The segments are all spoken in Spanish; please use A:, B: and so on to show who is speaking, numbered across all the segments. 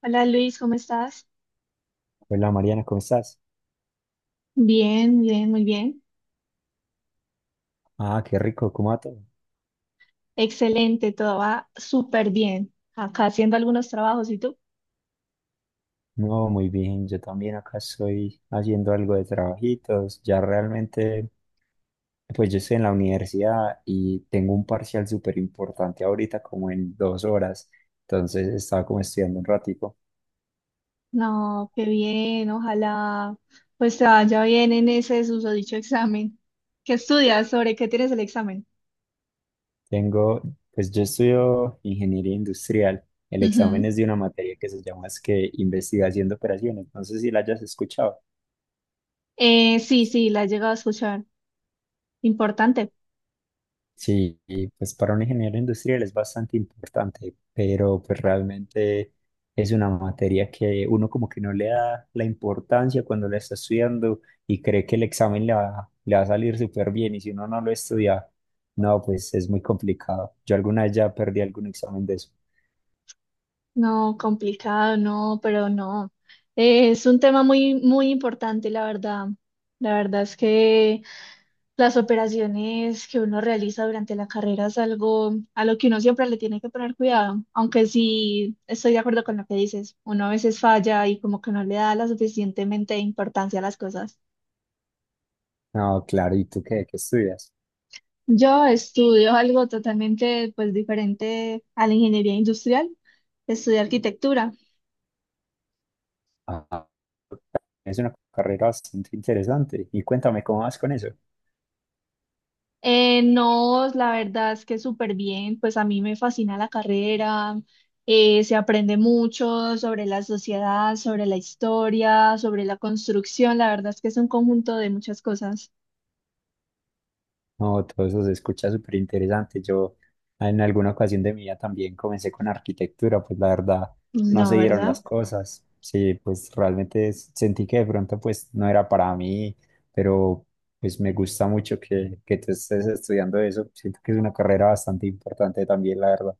A: Hola Luis, ¿cómo estás?
B: Hola Mariana, ¿cómo estás?
A: Bien, bien, muy bien.
B: Ah, qué rico, ¿cómo va todo?
A: Excelente, todo va súper bien. Acá haciendo algunos trabajos, ¿y tú?
B: No, muy bien, yo también acá estoy haciendo algo de trabajitos, ya realmente, pues yo estoy en la universidad y tengo un parcial súper importante ahorita como en 2 horas, entonces estaba como estudiando un ratico.
A: No, qué bien, ojalá pues te vaya bien en ese susodicho examen. ¿Qué estudias? ¿Sobre qué tienes el examen?
B: Tengo, pues yo estudio ingeniería industrial, el
A: Ujú.
B: examen es de una materia que se llama es que investigación de operaciones, no sé si la hayas escuchado.
A: Sí, sí, la he llegado a escuchar. Importante.
B: Sí, y pues para un ingeniero industrial es bastante importante, pero pues realmente es una materia que uno como que no le da la importancia cuando la está estudiando y cree que el examen le va a salir súper bien y si uno no lo estudia, no, pues es muy complicado. Yo alguna vez ya perdí algún examen de eso.
A: No, complicado, no, pero no. Es un tema muy importante, la verdad. La verdad es que... Las operaciones que uno realiza durante la carrera es algo a lo que uno siempre le tiene que poner cuidado, aunque sí estoy de acuerdo con lo que dices, uno a veces falla y como que no le da la suficientemente importancia a las cosas.
B: No, claro, ¿y tú qué, qué estudias?
A: Yo estudio algo totalmente pues diferente a la ingeniería industrial, estudio arquitectura.
B: Ah, es una carrera bastante interesante y cuéntame cómo vas con eso.
A: No, la verdad es que súper bien, pues a mí me fascina la carrera, se aprende mucho sobre la sociedad, sobre la historia, sobre la construcción, la verdad es que es un conjunto de muchas cosas.
B: No, todo eso se escucha súper interesante. Yo en alguna ocasión de mi vida también comencé con arquitectura, pues la verdad no
A: No,
B: se dieron
A: ¿verdad?
B: las cosas. Sí, pues realmente sentí que de pronto pues no era para mí, pero pues me gusta mucho que tú estés estudiando eso. Siento que es una carrera bastante importante también, la verdad.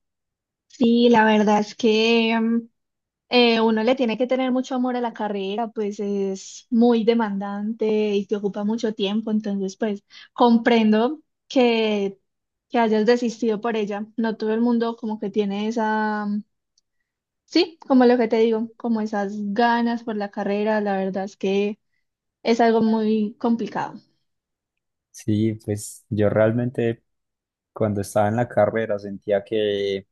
A: Sí, la verdad es que uno le tiene que tener mucho amor a la carrera, pues es muy demandante y te ocupa mucho tiempo, entonces pues comprendo que, que hayas desistido por ella, no todo el mundo como que tiene esa... Sí, como lo que te digo, como esas ganas por la carrera, la verdad es que es algo muy complicado.
B: Sí, pues yo realmente cuando estaba en la carrera sentía que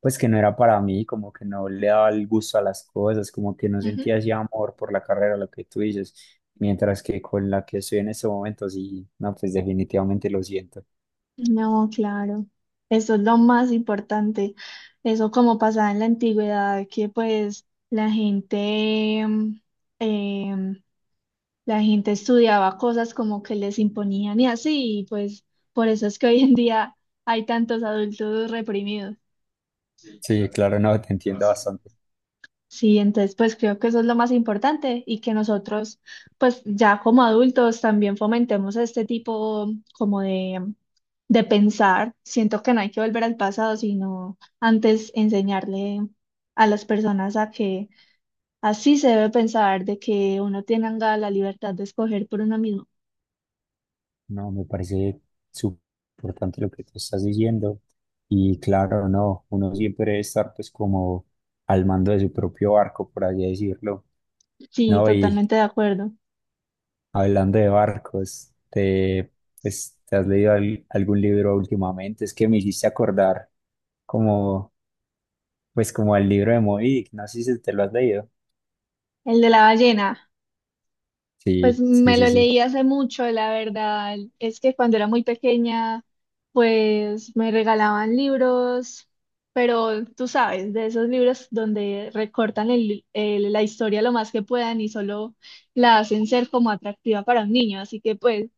B: pues que no era para mí, como que no le daba el gusto a las cosas, como que no
A: Ujú.
B: sentía ese amor por la carrera, lo que tú dices, mientras que con la que estoy en este momento, sí, no, pues definitivamente lo siento.
A: No, claro, eso es lo más importante. Eso como pasaba en la antigüedad, que pues la gente, em, la gente estudiaba cosas como que les imponían y así, y pues por eso es que hoy en día hay tantos adultos reprimidos.
B: Sí, claro, no, te entiendo bastante.
A: Sí, entonces pues creo que eso es lo más importante y que nosotros pues ya como adultos también fomentemos este tipo como de, de pensar. Siento que no hay que volver al pasado, sino antes enseñarle a las personas a que así se debe pensar, de que uno tenga la libertad de escoger por uno mismo.
B: No, me parece súper importante lo que tú estás diciendo. Y claro, no, uno siempre debe estar pues como al mando de su propio barco, por así decirlo.
A: Sí,
B: No, y
A: totalmente de acuerdo.
B: hablando de barcos, te, pues, ¿te has leído algún libro últimamente? Es que me hiciste acordar como, pues como al libro de Moby Dick, no sé si te lo has leído.
A: El de la ballena. Pues
B: Sí, sí,
A: me
B: sí,
A: lo
B: sí.
A: leí hace mucho, la verdad. Es que cuando era muy pequeña, pues me regalaban libros, pero tú sabes, de esos libros donde recortan la historia lo más que puedan y solo la hacen ser como atractiva para un niño. Así que pues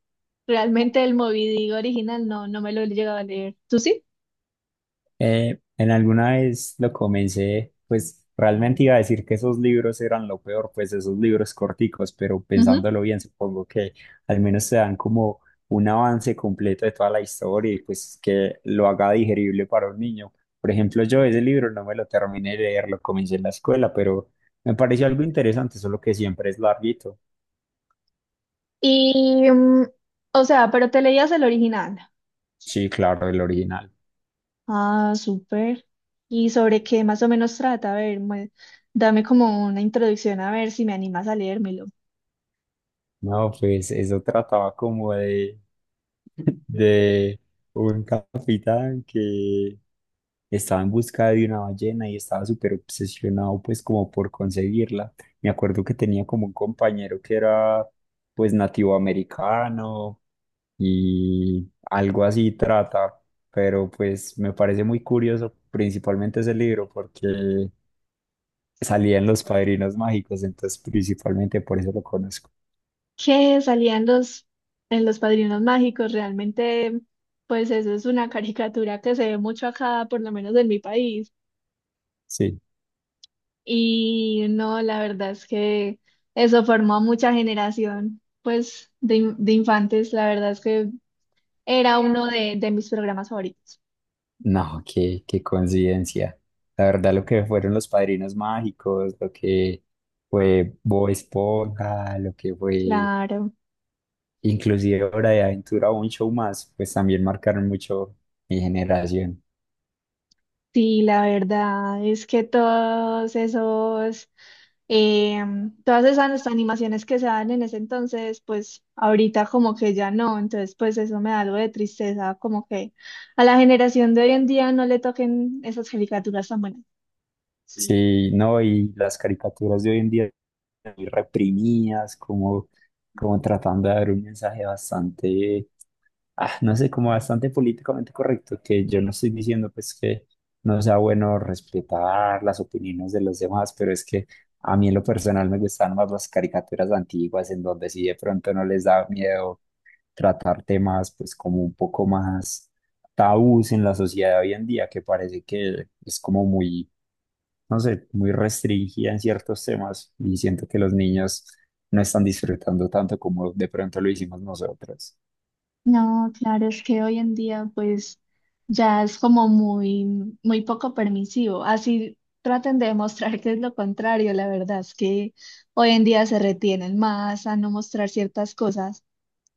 A: realmente el Moby Dick original no me lo he llegado a leer. ¿Tú sí?
B: En alguna vez lo comencé, pues realmente iba a decir que esos libros eran lo peor, pues esos libros corticos, pero
A: Ujú.
B: pensándolo bien, supongo que al menos te dan como un avance completo de toda la historia y pues que lo haga digerible para un niño. Por ejemplo, yo ese libro no me lo terminé de leer, lo comencé en la escuela, pero me pareció algo interesante, solo que siempre es larguito.
A: Y, o sea, pero te leías el original.
B: Sí, claro, el original.
A: Ah, súper. ¿Y sobre qué más o menos trata? A ver, dame como una introducción a ver si me animas a leérmelo.
B: No, pues eso trataba como de un capitán que estaba en busca de una ballena y estaba súper obsesionado pues como por conseguirla. Me acuerdo que tenía como un compañero que era pues nativo americano y algo así trata, pero pues me parece muy curioso principalmente ese libro porque salía en Los Padrinos Mágicos, entonces principalmente por eso lo conozco.
A: ¿Qué salían los en los Padrinos Mágicos? Realmente, pues eso es una caricatura que se ve mucho acá, por lo menos en mi país.
B: Sí.
A: Y no, la verdad es que eso formó a mucha generación, pues, de infantes. La verdad es que era de mis programas favoritos.
B: No, qué, qué coincidencia. La verdad, lo que fueron los Padrinos Mágicos, lo que fue Bob Esponja, lo que fue
A: Claro.
B: inclusive Hora de Aventura o un show más, pues también marcaron mucho mi generación.
A: Sí, la verdad es que todos esos, todas esas animaciones que se dan en ese entonces, pues ahorita como que ya no, entonces pues eso me da algo de tristeza, como que a la generación de hoy en día no le toquen esas caricaturas tan buenas.
B: Sí, no, y las caricaturas de hoy en día muy reprimidas, como, como tratando de dar un mensaje bastante no sé, como bastante políticamente correcto, que yo no estoy diciendo pues que no sea bueno respetar las opiniones de los demás, pero es que a mí en lo personal me gustan más las caricaturas antiguas en donde sí de pronto no les da miedo tratar temas pues como un poco más tabús en la sociedad de hoy en día, que parece que es como muy, no sé, muy restringida en ciertos temas y siento que los niños no están disfrutando tanto como de pronto lo hicimos nosotros.
A: No, claro, es que hoy en día pues ya es como muy poco permisivo. Así traten de demostrar que es lo contrario. La verdad es que hoy en día se retienen más a no mostrar ciertas cosas,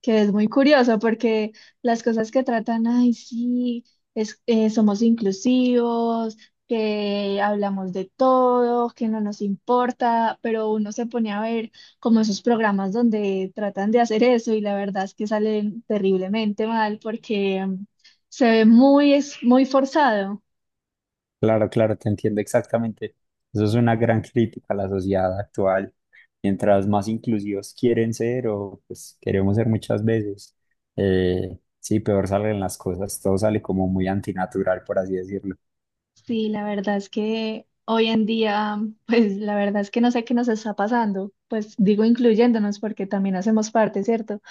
A: que es muy curioso porque las cosas que tratan, ay, sí, somos inclusivos, que hablamos de todo, que no nos importa, pero uno se pone a ver como esos programas donde tratan de hacer eso y la verdad es que salen terriblemente mal porque se ve muy, es muy forzado.
B: Claro, claro, te entiendo exactamente. Eso es una gran crítica a la sociedad actual. Mientras más inclusivos quieren ser o pues queremos ser muchas veces, sí, peor salen las cosas. Todo sale como muy antinatural, por así decirlo.
A: Sí, la verdad es que hoy en día, pues la verdad es que no sé qué nos está pasando, pues digo incluyéndonos porque también hacemos parte, ¿cierto?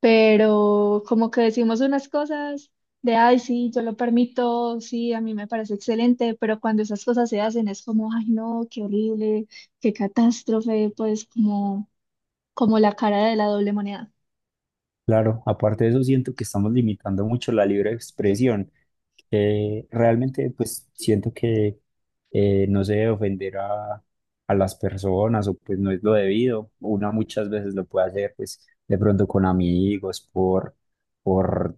A: Pero como que decimos unas cosas de, ay, sí, yo lo permito, sí, a mí me parece excelente, pero cuando esas cosas se hacen es como, ay, no, qué horrible, qué catástrofe, pues como, como la cara de la doble moneda.
B: Claro, aparte de eso, siento que estamos limitando mucho la libre expresión. Que realmente pues siento que no se debe ofender a las personas o pues no es lo debido. Una muchas veces lo puede hacer pues de pronto con amigos, por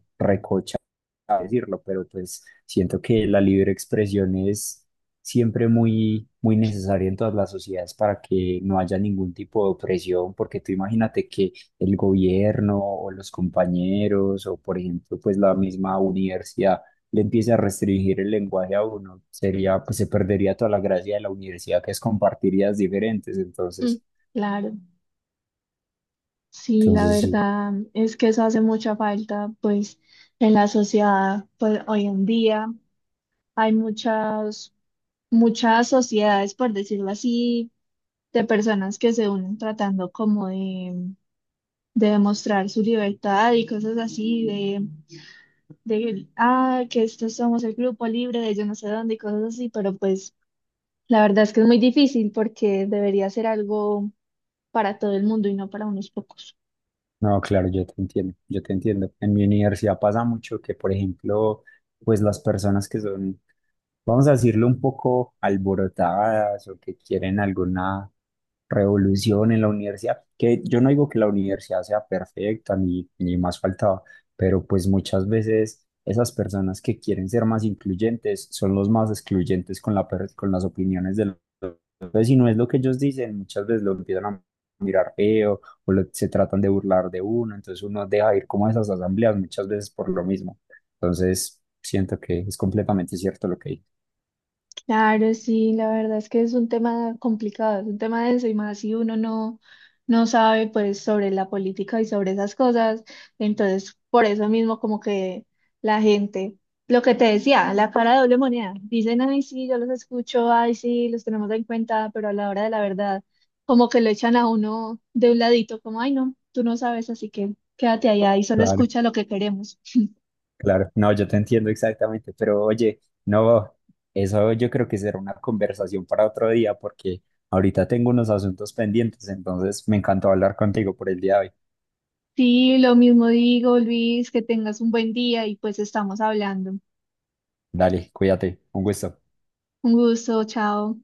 B: a decirlo, pero pues siento que la libre expresión es siempre muy, muy necesaria en todas las sociedades para que no haya ningún tipo de opresión, porque tú imagínate que el gobierno o los compañeros o por ejemplo pues la misma universidad le empiece a restringir el lenguaje a uno, sería pues se perdería toda la gracia de la universidad que es compartir ideas diferentes,
A: Mm,
B: entonces,
A: claro, sí, la
B: entonces sí.
A: verdad es que eso hace mucha falta, pues en la sociedad, pues hoy en día hay muchas, muchas sociedades, por decirlo así, de personas que se unen tratando como de demostrar su libertad y cosas así, de, ah, que estos somos el grupo libre de yo no sé dónde y cosas así, pero pues la verdad es que es muy difícil porque debería ser algo para todo el mundo y no para unos pocos.
B: No, claro, yo te entiendo, yo te entiendo. En mi universidad pasa mucho que, por ejemplo, pues las personas que son, vamos a decirlo, un poco alborotadas o que quieren alguna revolución en la universidad, que yo no digo que la universidad sea perfecta ni, ni más faltaba, pero pues muchas veces esas personas que quieren ser más incluyentes son los más excluyentes con con las opiniones de entonces, si no es lo que ellos dicen, muchas veces lo empiezan a mirar feo o se tratan de burlar de uno, entonces uno deja de ir como a esas asambleas muchas veces por lo mismo. Entonces, siento que es completamente cierto lo que dices.
A: Claro, sí, la verdad es que es un tema complicado, es un tema denso y más si uno no sabe pues sobre la política y sobre esas cosas, entonces por eso mismo como que la gente, lo que te decía, la cara de doble moneda, dicen, ay sí, yo los escucho, ay sí, los tenemos en cuenta, pero a la hora de la verdad como que lo echan a uno de un ladito, como, ay no, tú no sabes, así que quédate allá y solo
B: Claro,
A: escucha lo que queremos.
B: claro. No, yo te entiendo exactamente, pero oye, no, eso yo creo que será una conversación para otro día porque ahorita tengo unos asuntos pendientes, entonces me encantó hablar contigo por el día de hoy.
A: Sí, lo mismo digo, Luis, que tengas un buen día y pues estamos hablando.
B: Dale, cuídate, un gusto.
A: Un gusto, chao.